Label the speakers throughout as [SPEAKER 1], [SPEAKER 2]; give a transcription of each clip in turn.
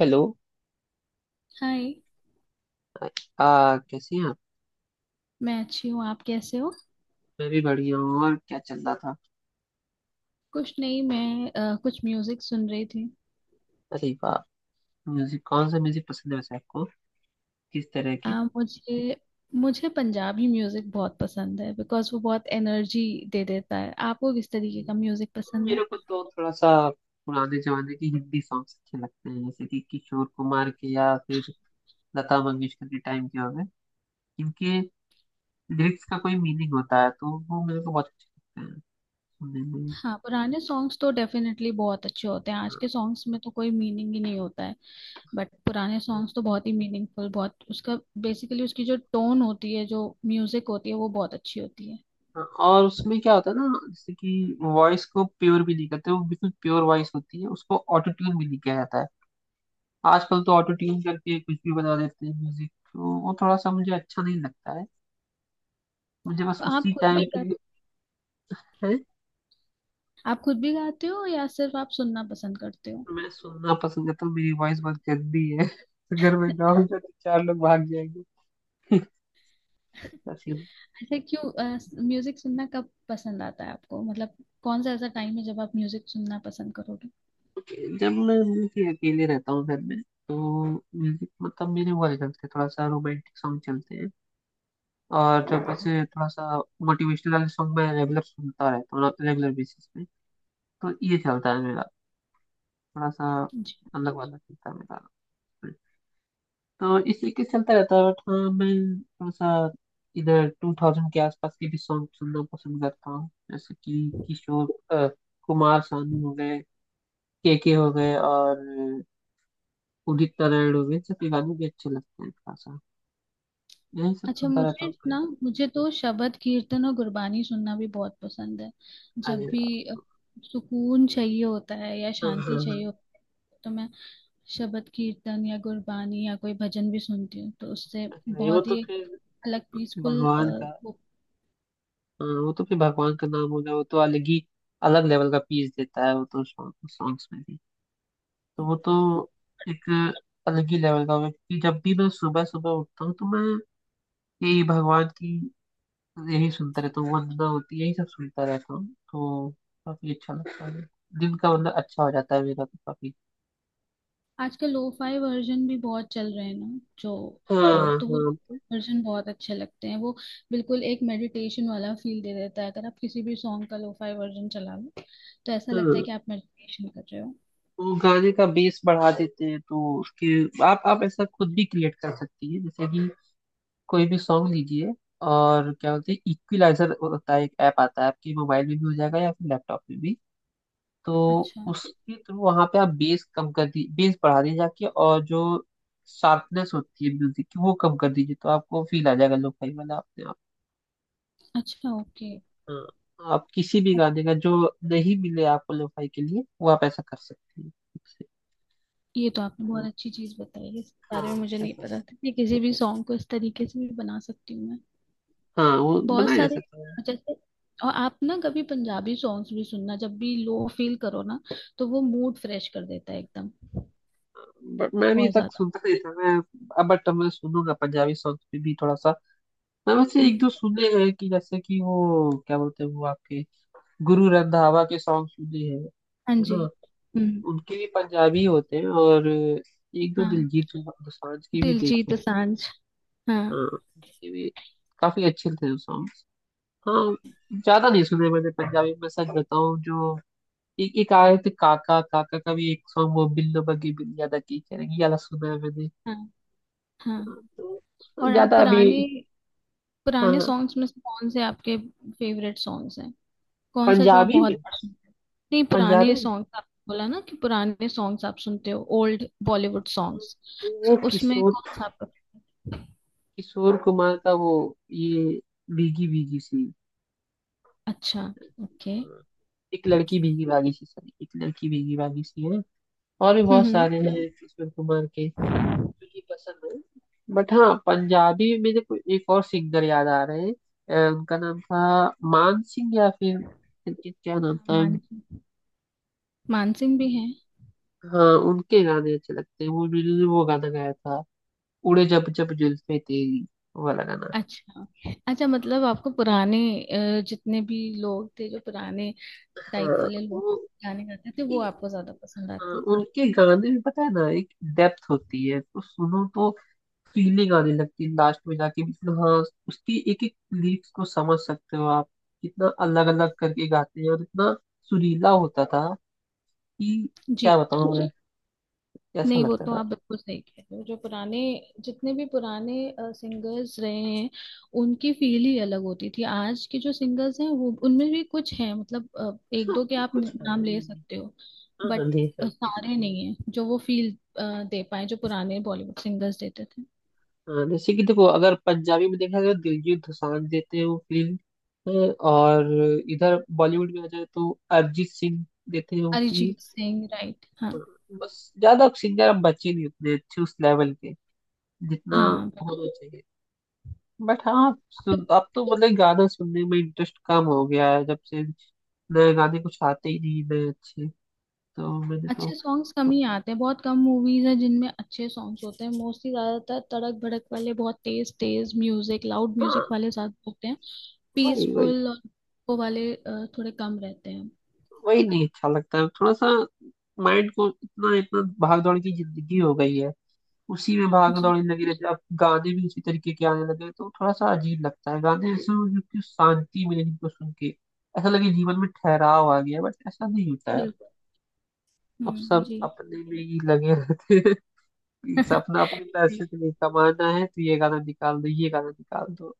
[SPEAKER 1] Hello.
[SPEAKER 2] हाय।
[SPEAKER 1] कैसे हैं आप?
[SPEAKER 2] मैं अच्छी हूँ, आप कैसे हो?
[SPEAKER 1] मैं भी बढ़िया हूँ। और क्या चल रहा था?
[SPEAKER 2] कुछ नहीं, मैं कुछ म्यूजिक सुन रही थी।
[SPEAKER 1] अरे वाह। म्यूजिक कौन सा म्यूजिक पसंद है वैसे आपको? किस तरह
[SPEAKER 2] अ,
[SPEAKER 1] के?
[SPEAKER 2] मुझे मुझे पंजाबी म्यूजिक बहुत पसंद है बिकॉज वो बहुत एनर्जी दे देता है। आपको किस तरीके का
[SPEAKER 1] हम्म,
[SPEAKER 2] म्यूजिक पसंद है?
[SPEAKER 1] मेरे को तो थोड़ा सा पुराने जमाने के हिंदी सॉन्ग्स अच्छे लगते हैं, जैसे कि किशोर कुमार के या फिर लता मंगेशकर के टाइम के हो गए। इनके लिरिक्स का कोई मीनिंग होता है तो वो मेरे को बहुत अच्छे लगते हैं सुनने में।
[SPEAKER 2] हाँ, पुराने सॉन्ग्स तो डेफिनेटली बहुत अच्छे होते हैं। आज
[SPEAKER 1] हाँ।
[SPEAKER 2] के सॉन्ग्स में तो कोई मीनिंग ही नहीं होता है। बट पुराने सॉन्ग्स तो बहुत ही मीनिंगफुल, बहुत उसका बेसिकली उसकी जो टोन होती है, जो म्यूजिक होती है वो बहुत अच्छी होती है।
[SPEAKER 1] हाँ, और उसमें क्या होता है ना, जैसे कि वॉइस को प्योर भी नहीं करते, वो बिल्कुल प्योर वॉइस होती है, उसको ऑटो ट्यून भी नहीं किया जाता है। आजकल तो ऑटो ट्यून करके कुछ भी बना देते हैं म्यूजिक, तो वो थोड़ा सा मुझे अच्छा नहीं लगता है। मुझे बस
[SPEAKER 2] तो आप
[SPEAKER 1] उसी
[SPEAKER 2] खुद
[SPEAKER 1] टाइम
[SPEAKER 2] भी
[SPEAKER 1] के
[SPEAKER 2] गा
[SPEAKER 1] लिए है।
[SPEAKER 2] आप खुद भी गाते हो या सिर्फ आप सुनना पसंद करते हो?
[SPEAKER 1] मैं सुनना पसंद करता हूँ। मेरी वॉइस बहुत गंदी है। अगर मैं गाऊंगा तो चार लोग भाग जाएंगे। ऐसा सीन।
[SPEAKER 2] ऐसे क्यों? म्यूजिक सुनना कब पसंद आता है आपको, मतलब कौन सा ऐसा टाइम है जब आप म्यूजिक सुनना पसंद करोगे?
[SPEAKER 1] जब मैं कि अकेले रहता हूँ घर में, तो म्यूजिक मतलब मेरे वाले चलते हैं, थोड़ा सा रोमांटिक सॉन्ग चलते हैं। और जब ऐसे थोड़ा सा मोटिवेशनल वाले सॉन्ग, मैं रेगुलर सुनता रहता हूँ, रेगुलर बेसिस पे। तो ये चलता है मेरा, थोड़ा सा
[SPEAKER 2] जी।
[SPEAKER 1] अलग वाला चलता है मेरा। हाँ, इसी के चलता रहता है। बट हाँ, मैं थोड़ा सा इधर 2000 के आसपास के भी सॉन्ग सुनना पसंद करता हूँ, जैसे कि किशोर कुमार सानू हो गए, के हो गए, और उदित नारायण हो गए। सबके गाने भी अच्छे लगते हैं। थोड़ा सा यही सब
[SPEAKER 2] अच्छा,
[SPEAKER 1] सुनता रहता
[SPEAKER 2] मुझे
[SPEAKER 1] हूँ कभी।
[SPEAKER 2] ना मुझे तो शबद कीर्तन और गुरबानी सुनना भी बहुत पसंद है। जब
[SPEAKER 1] अरे
[SPEAKER 2] भी
[SPEAKER 1] वाह।
[SPEAKER 2] सुकून चाहिए होता है या
[SPEAKER 1] हाँ हाँ
[SPEAKER 2] शांति चाहिए
[SPEAKER 1] हाँ।
[SPEAKER 2] होती है तो मैं शबद कीर्तन या गुरबानी या कोई भजन भी सुनती हूँ, तो उससे
[SPEAKER 1] अरे भाई, वो
[SPEAKER 2] बहुत
[SPEAKER 1] तो
[SPEAKER 2] ही
[SPEAKER 1] फिर
[SPEAKER 2] एक अलग पीसफुल।
[SPEAKER 1] भगवान का। हाँ, वो तो फिर भगवान का नाम हो गया। वो तो अलग ही अलग लेवल का पीस देता है, वो तो सॉन्ग सॉन्ग्स में। तो वो तो एक अलग ही लेवल का होगा, क्योंकि जब भी मैं सुबह सुबह उठता हूँ, तो मैं यही भगवान की, यही सुनता रहता हूँ, वंदना होती है, यही सब सुनता रहता हूँ। तो काफी अच्छा लगता है, दिन का मतलब अच्छा हो जाता है मेरा तो, काफी।
[SPEAKER 2] आजकल लोफाई वर्जन भी बहुत चल रहे हैं ना, जो अ,
[SPEAKER 1] हाँ
[SPEAKER 2] तो वो
[SPEAKER 1] हाँ तो।
[SPEAKER 2] वर्जन बहुत अच्छे लगते हैं। वो बिल्कुल एक मेडिटेशन वाला फील दे देता है। अगर आप किसी भी सॉन्ग का लोफाई वर्जन चला लो तो ऐसा लगता है
[SPEAKER 1] हाँ,
[SPEAKER 2] कि आप मेडिटेशन कर रहे हो।
[SPEAKER 1] वो गाने का बेस बढ़ा देते हैं तो उसके आप ऐसा खुद भी क्रिएट कर सकती है। जैसे कि कोई भी सॉन्ग लीजिए, और क्या बोलते हैं, इक्विलाइजर होता है एक ऐप, आता है आपके मोबाइल में भी हो जाएगा या फिर लैपटॉप में भी। तो
[SPEAKER 2] अच्छा।
[SPEAKER 1] उसके थ्रू वहां पे आप बेस कम कर दी, बेस बढ़ा दी जाके, और जो शार्पनेस होती है म्यूजिक की वो कम कर दीजिए, तो आपको फील आ जाएगा लोफाई वाला अपने आप।
[SPEAKER 2] अच्छा, ओके।
[SPEAKER 1] हाँ, आप किसी भी गाने का जो नहीं मिले आपको लोफाई के लिए, वो आप ऐसा कर सकते हैं ठीक से।
[SPEAKER 2] ये तो आपने बहुत
[SPEAKER 1] तो
[SPEAKER 2] अच्छी चीज बताई है। इस बारे में
[SPEAKER 1] हाँ
[SPEAKER 2] मुझे नहीं
[SPEAKER 1] ऐसा।
[SPEAKER 2] पता था कि किसी भी सॉन्ग को इस तरीके से भी बना सकती हूँ मैं।
[SPEAKER 1] हाँ, वो
[SPEAKER 2] बहुत
[SPEAKER 1] बनाया जा
[SPEAKER 2] सारे,
[SPEAKER 1] सकता है।
[SPEAKER 2] जैसे, और आप ना कभी पंजाबी सॉन्ग्स भी सुनना जब भी लो फील करो ना, तो वो मूड फ्रेश कर देता है एकदम।
[SPEAKER 1] बट मैं भी
[SPEAKER 2] बहुत
[SPEAKER 1] तक
[SPEAKER 2] ज्यादा।
[SPEAKER 1] सुनता नहीं था। मैं अब बट मैं सुनूंगा पंजाबी सॉन्ग पे भी थोड़ा सा। मैं वैसे एक
[SPEAKER 2] हम्म।
[SPEAKER 1] दो सुने हैं, कि जैसे कि वो क्या बोलते हैं, वो आपके गुरु रंधावा के सॉन्ग सुने हैं,
[SPEAKER 2] हाँ
[SPEAKER 1] है
[SPEAKER 2] जी।
[SPEAKER 1] ना।
[SPEAKER 2] हम्म।
[SPEAKER 1] उनके भी पंजाबी होते हैं, और एक दो
[SPEAKER 2] हाँ,
[SPEAKER 1] दिलजीत दोसांझ के भी
[SPEAKER 2] दिलजीत
[SPEAKER 1] देखे हैं।
[SPEAKER 2] दोसांझ। हाँ।
[SPEAKER 1] हाँ, उनके भी काफी अच्छे थे वो सॉन्ग। हाँ। ज्यादा नहीं सुने मैंने पंजाबी में, सच बताऊं जो। एक एक आए थे, काका काका का भी एक सॉन्ग, वो बिल्लो बग्गी बिल्लिया दा की करेंगी वाला सुना है मैंने।
[SPEAKER 2] हाँ। हाँ।
[SPEAKER 1] हाँ, तो
[SPEAKER 2] और आप
[SPEAKER 1] ज्यादा अभी।
[SPEAKER 2] पुराने,
[SPEAKER 1] हाँ
[SPEAKER 2] पुराने
[SPEAKER 1] हाँ।
[SPEAKER 2] सॉन्ग्स में से कौन से आपके फेवरेट सॉन्ग्स हैं? कौन सा जो आप
[SPEAKER 1] पंजाबी
[SPEAKER 2] बहुत
[SPEAKER 1] में?
[SPEAKER 2] बार सुनते हो? नहीं,
[SPEAKER 1] पंजाबी
[SPEAKER 2] पुराने
[SPEAKER 1] में?
[SPEAKER 2] सॉन्ग्स आप बोला ना कि पुराने सॉन्ग्स आप सुनते हो, ओल्ड बॉलीवुड
[SPEAKER 1] हाँ,
[SPEAKER 2] सॉन्ग्स।
[SPEAKER 1] वो
[SPEAKER 2] तो उसमें
[SPEAKER 1] किशोर
[SPEAKER 2] कौन सा आपका favorite?
[SPEAKER 1] किशोर कुमार का वो, ये भीगी भीगी सी,
[SPEAKER 2] अच्छा। ओके।
[SPEAKER 1] एक लड़की भीगी भागी सी, सॉरी, एक लड़की भीगी भागी सी है। और भी बहुत
[SPEAKER 2] हम्म।
[SPEAKER 1] सारे हैं किशोर कुमार के, जो कि पसंद है। बट हाँ, पंजाबी में मेरे को एक और सिंगर याद आ रहे हैं। उनका नाम था मान सिंह, या फिर इनके क्या नाम
[SPEAKER 2] हाँ,
[SPEAKER 1] था।
[SPEAKER 2] मान, मानसिंह भी हैं।
[SPEAKER 1] हाँ, उनके गाने अच्छे लगते हैं वो, उन्होंने वो गाना गाया था उड़े जब जब जुल्फे तेरी, वो वाला गाना।
[SPEAKER 2] अच्छा। अच्छा, मतलब आपको पुराने जितने भी लोग थे जो पुराने
[SPEAKER 1] हाँ
[SPEAKER 2] टाइप वाले लोग
[SPEAKER 1] वो,
[SPEAKER 2] गाने गाते थे वो
[SPEAKER 1] उनके,
[SPEAKER 2] आपको ज्यादा पसंद
[SPEAKER 1] हाँ,
[SPEAKER 2] आते हैं।
[SPEAKER 1] उनके गाने में पता है ना, एक डेप्थ होती है, तो सुनो तो फीलिंग आने लगती है लास्ट में जाके, मतलब हाँ, उसकी एक एक लिरिक्स को समझ सकते हो आप, कितना अलग अलग करके गाते हैं, और इतना सुरीला होता था कि क्या
[SPEAKER 2] जी।
[SPEAKER 1] बताऊं मैं कैसा
[SPEAKER 2] नहीं, वो
[SPEAKER 1] लगता
[SPEAKER 2] तो
[SPEAKER 1] था।
[SPEAKER 2] आप बिल्कुल सही कह रहे हो। जो पुराने जितने भी पुराने सिंगर्स रहे हैं उनकी फील ही अलग होती थी। आज के जो सिंगर्स हैं वो, उनमें भी कुछ हैं मतलब एक
[SPEAKER 1] ऐसा
[SPEAKER 2] दो के आप
[SPEAKER 1] कुछ है
[SPEAKER 2] नाम ले
[SPEAKER 1] नहीं।
[SPEAKER 2] सकते हो।
[SPEAKER 1] हाँ हाँ,
[SPEAKER 2] बट
[SPEAKER 1] ढेर सारी कुछ है।
[SPEAKER 2] सारे नहीं है जो वो फील दे पाए जो पुराने बॉलीवुड सिंगर्स देते थे।
[SPEAKER 1] हाँ, जैसे कि देखो, अगर पंजाबी में देखा जाए तो दिलजीत दोसांझ देते हैं वो फील, और इधर बॉलीवुड में आ जाए तो अरिजीत सिंह देते हैं वो फील।
[SPEAKER 2] अरिजीत सिंह, राइट। हाँ।
[SPEAKER 1] बस ज्यादा सिंगर अब बचे नहीं, उतने अच्छे उस लेवल के जितना
[SPEAKER 2] हाँ।
[SPEAKER 1] होना चाहिए। बट हाँ सुन, अब तो मतलब गाना सुनने में इंटरेस्ट कम हो गया है, जब से नए गाने कुछ आते ही नहीं, नए अच्छे। तो मैंने
[SPEAKER 2] अच्छे
[SPEAKER 1] तो।
[SPEAKER 2] सॉन्ग्स कम ही आते हैं। बहुत कम मूवीज हैं जिनमें अच्छे सॉन्ग्स होते हैं। मोस्टली ज्यादातर तड़क भड़क वाले, बहुत तेज तेज म्यूजिक, लाउड
[SPEAKER 1] हाँ
[SPEAKER 2] म्यूजिक वाले ज्यादा होते हैं।
[SPEAKER 1] वही वही।
[SPEAKER 2] पीसफुल और वो वाले थोड़े कम रहते हैं।
[SPEAKER 1] वही नहीं अच्छा लगता है, थोड़ा सा माइंड को इतना इतना, भाग दौड़ की जिंदगी हो गई है, उसी में भाग
[SPEAKER 2] जी।
[SPEAKER 1] दौड़ लगी रहती है, अब गाने भी उसी तरीके के आने लगे हैं, तो थोड़ा सा अजीब लगता है। गाने ऐसे हों जो कि शांति मिले जिनको सुन के, ऐसा लगे जीवन में ठहराव आ गया, बट ऐसा नहीं होता है।
[SPEAKER 2] बिल्कुल।
[SPEAKER 1] अब सब
[SPEAKER 2] जी।
[SPEAKER 1] अपने में ही लगे रहते हैं। सपना अपने
[SPEAKER 2] जी।
[SPEAKER 1] पैसे से नहीं कमाना है तो ये गाना निकाल दो, ये गाना निकाल दो।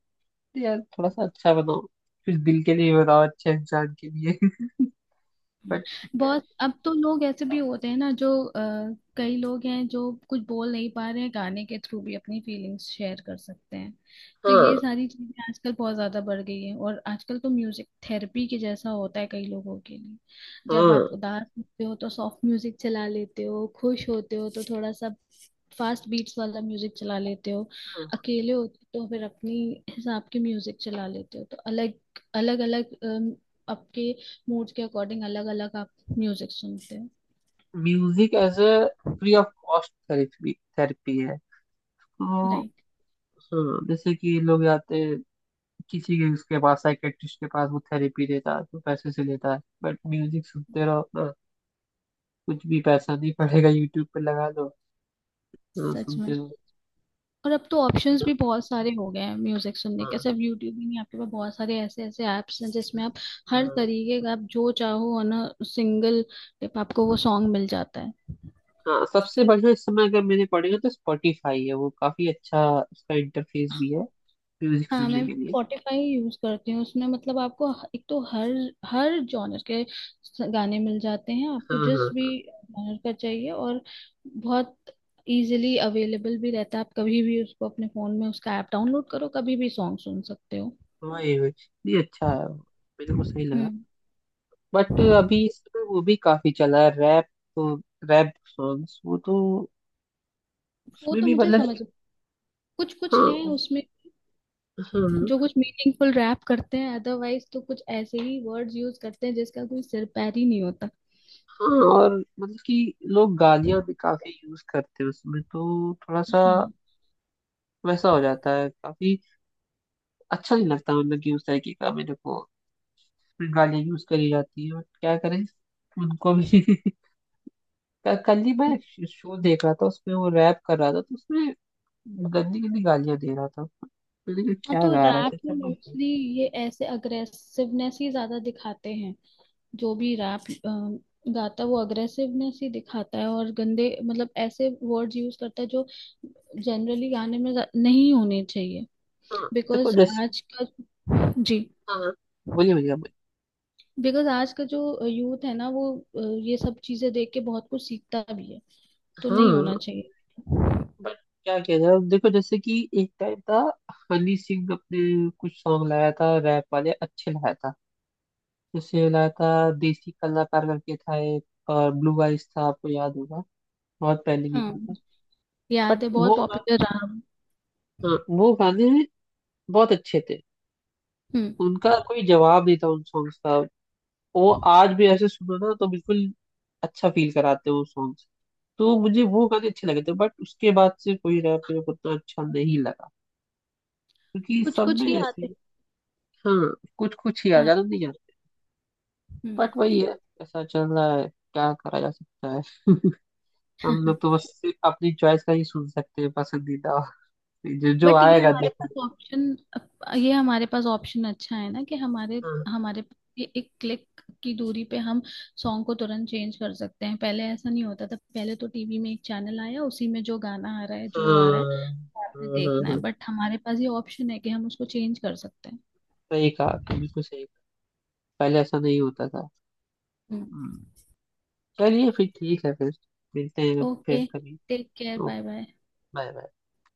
[SPEAKER 1] यार थोड़ा सा अच्छा बनाओ, कुछ दिल के लिए बनाओ, अच्छे इंसान के लिए। बट ठीक है।
[SPEAKER 2] बहुत। अब तो लोग ऐसे भी होते हैं ना, जो कई लोग हैं जो कुछ बोल नहीं पा रहे हैं, गाने के थ्रू भी अपनी फीलिंग्स शेयर कर सकते हैं। तो ये
[SPEAKER 1] हाँ
[SPEAKER 2] सारी चीजें आजकल बहुत ज्यादा बढ़ गई है, और आजकल तो म्यूजिक थेरेपी के जैसा होता है कई लोगों के लिए। जब आप
[SPEAKER 1] हाँ।
[SPEAKER 2] उदास होते हो तो सॉफ्ट म्यूजिक चला लेते हो, खुश होते हो तो थोड़ा सा फास्ट बीट्स वाला म्यूजिक चला लेते हो, अकेले होते हो तो फिर अपनी हिसाब के म्यूजिक चला लेते हो। तो अलग अलग अलग आपके मूड के अकॉर्डिंग अलग अलग आप म्यूजिक सुनते हो।
[SPEAKER 1] Music as a free of cost therapy, therapy है तो।
[SPEAKER 2] राइट।
[SPEAKER 1] हाँ, जैसे कि लोग जाते हैं किसी के, उसके पास साइकेट्रिस्ट के पास, वो थेरेपी देता है तो पैसे से लेता है, बट म्यूजिक सुनते रहो ना, कुछ भी पैसा नहीं पड़ेगा, यूट्यूब पे लगा दो। हाँ,
[SPEAKER 2] सच
[SPEAKER 1] सुनते
[SPEAKER 2] में।
[SPEAKER 1] रहो
[SPEAKER 2] और अब तो ऑप्शंस
[SPEAKER 1] ना।
[SPEAKER 2] भी बहुत सारे हो गए हैं म्यूजिक सुनने के,
[SPEAKER 1] हाँ
[SPEAKER 2] सिर्फ यूट्यूब ही नहीं, आपके पास बहुत सारे ऐसे ऐसे ऐप्स हैं जिसमें आप हर
[SPEAKER 1] हाँ
[SPEAKER 2] तरीके का, आप जो चाहो, ऑन अ सिंगल टिप आपको वो सॉन्ग मिल जाता है।
[SPEAKER 1] हाँ। सबसे बढ़िया इस समय अगर मैंने पड़ेगा तो स्पॉटिफाई है, वो काफी अच्छा, उसका इंटरफेस भी है, म्यूजिक
[SPEAKER 2] हाँ,
[SPEAKER 1] सुनने
[SPEAKER 2] मैं
[SPEAKER 1] के लिए।
[SPEAKER 2] स्पॉटिफाई यूज करती हूँ। उसमें मतलब आपको एक तो हर हर जॉनर के गाने मिल जाते हैं, आपको
[SPEAKER 1] हाँ
[SPEAKER 2] जिस भी
[SPEAKER 1] हाँ
[SPEAKER 2] जॉनर का चाहिए। और बहुत इजीली अवेलेबल भी रहता है। आप कभी भी उसको अपने फोन में उसका ऐप डाउनलोड करो, कभी भी सॉन्ग सुन सकते हो।
[SPEAKER 1] हाँ। वही वही। नहीं, अच्छा है वो, मेरे को सही लगा।
[SPEAKER 2] हम्म।
[SPEAKER 1] बट अभी इस समय वो भी काफी चला है रैप, तो रैप सॉन्ग्स, वो तो
[SPEAKER 2] वो
[SPEAKER 1] उसमें
[SPEAKER 2] तो
[SPEAKER 1] भी
[SPEAKER 2] मुझे
[SPEAKER 1] मतलब
[SPEAKER 2] समझ,
[SPEAKER 1] कि-
[SPEAKER 2] कुछ कुछ हैं
[SPEAKER 1] हाँ
[SPEAKER 2] उसमें
[SPEAKER 1] हाँ
[SPEAKER 2] जो कुछ मीनिंगफुल रैप करते हैं, अदरवाइज तो कुछ ऐसे ही वर्ड्स यूज करते हैं जिसका कोई सिर पैर ही नहीं होता।
[SPEAKER 1] हाँ। और मतलब कि लोग गालियां भी काफी यूज करते हैं उसमें, तो थोड़ा सा
[SPEAKER 2] हाँ।
[SPEAKER 1] वैसा हो जाता है काफी। अच्छा नहीं लगता मतलब कि उस तरीके का मेरे को। गाली यूज करी जाती है, बट क्या करें उनको भी। कल ही मैं शो देख रहा था, उसमें वो रैप कर रहा था, तो उसमें गंदी गंदी गालियां दे रहा था, तो देखो
[SPEAKER 2] हाँ,
[SPEAKER 1] क्या
[SPEAKER 2] तो
[SPEAKER 1] गा रहा
[SPEAKER 2] रैप
[SPEAKER 1] था
[SPEAKER 2] में
[SPEAKER 1] सब लोग-
[SPEAKER 2] मोस्टली ये ऐसे अग्रेसिवनेस ही ज्यादा दिखाते हैं। जो भी रैप गाता है वो अग्रेसिवनेस ही दिखाता है और गंदे, मतलब ऐसे वर्ड्स यूज करता है जो जनरली गाने में नहीं होने चाहिए।
[SPEAKER 1] हाँ देखो
[SPEAKER 2] बिकॉज
[SPEAKER 1] जैसे।
[SPEAKER 2] आज का जी।
[SPEAKER 1] हाँ, बोलिए बोलिए, आप बोलिए।
[SPEAKER 2] बिकॉज आज का जो यूथ है ना वो अ, ये सब चीजें देख के बहुत कुछ सीखता भी है, तो नहीं
[SPEAKER 1] हाँ,
[SPEAKER 2] होना चाहिए।
[SPEAKER 1] बट क्या किया जाए, अब देखो जैसे कि एक टाइम था, हनी सिंह अपने कुछ सॉन्ग लाया था रैप वाले, अच्छे लाया था, जैसे लाया था देसी कलाकार करके था एक, और ब्लू आइज था, आपको याद होगा, बहुत पहले की
[SPEAKER 2] हाँ,
[SPEAKER 1] बात है।
[SPEAKER 2] याद
[SPEAKER 1] बट
[SPEAKER 2] है। बहुत
[SPEAKER 1] वो,
[SPEAKER 2] पॉपुलर रहा।
[SPEAKER 1] हाँ, वो गाने बहुत अच्छे थे,
[SPEAKER 2] हम्म।
[SPEAKER 1] उनका कोई जवाब नहीं था उन सॉन्ग्स का। वो आज भी ऐसे सुनो ना तो बिल्कुल अच्छा फील कराते हैं वो सॉन्ग्स। तो मुझे वो गाने अच्छे लगे थे, बट उसके बाद से कोई रैप मेरे को उतना अच्छा नहीं लगा, क्योंकि
[SPEAKER 2] कुछ
[SPEAKER 1] सब
[SPEAKER 2] कुछ
[SPEAKER 1] में
[SPEAKER 2] ही
[SPEAKER 1] ऐसे।
[SPEAKER 2] आते।
[SPEAKER 1] हाँ, कुछ कुछ ही आ,
[SPEAKER 2] हाँ।
[SPEAKER 1] ज्यादा नहीं आते।
[SPEAKER 2] हम्म।
[SPEAKER 1] बट वही है, ऐसा चल रहा है, क्या करा जा सकता है। हम लोग तो बस अपनी चॉइस का ही सुन सकते हैं, पसंदीदा जो जो
[SPEAKER 2] बट ये
[SPEAKER 1] आएगा
[SPEAKER 2] हमारे
[SPEAKER 1] देखा
[SPEAKER 2] पास
[SPEAKER 1] जाएगा।
[SPEAKER 2] ऑप्शन, अच्छा है ना कि हमारे
[SPEAKER 1] हाँ
[SPEAKER 2] हमारे ये एक क्लिक की दूरी पे हम सॉन्ग को तुरंत चेंज कर सकते हैं। पहले ऐसा नहीं होता था। पहले तो टीवी में एक चैनल आया, उसी में जो गाना आ रहा है जो आ रहा है
[SPEAKER 1] हाँ
[SPEAKER 2] वो आपने
[SPEAKER 1] हाँ हाँ
[SPEAKER 2] देखना
[SPEAKER 1] हाँ।
[SPEAKER 2] है।
[SPEAKER 1] हाँ।
[SPEAKER 2] बट हमारे पास ये ऑप्शन है कि हम उसको चेंज कर सकते हैं।
[SPEAKER 1] सही कहा आपने, बिल्कुल सही। पहले ऐसा नहीं होता था।
[SPEAKER 2] हम्म।
[SPEAKER 1] हम्म। चलिए फिर, ठीक है फिर, मिलते हैं फिर
[SPEAKER 2] ओके,
[SPEAKER 1] कभी।
[SPEAKER 2] Take care. Bye
[SPEAKER 1] okay,
[SPEAKER 2] bye.
[SPEAKER 1] Bye bye.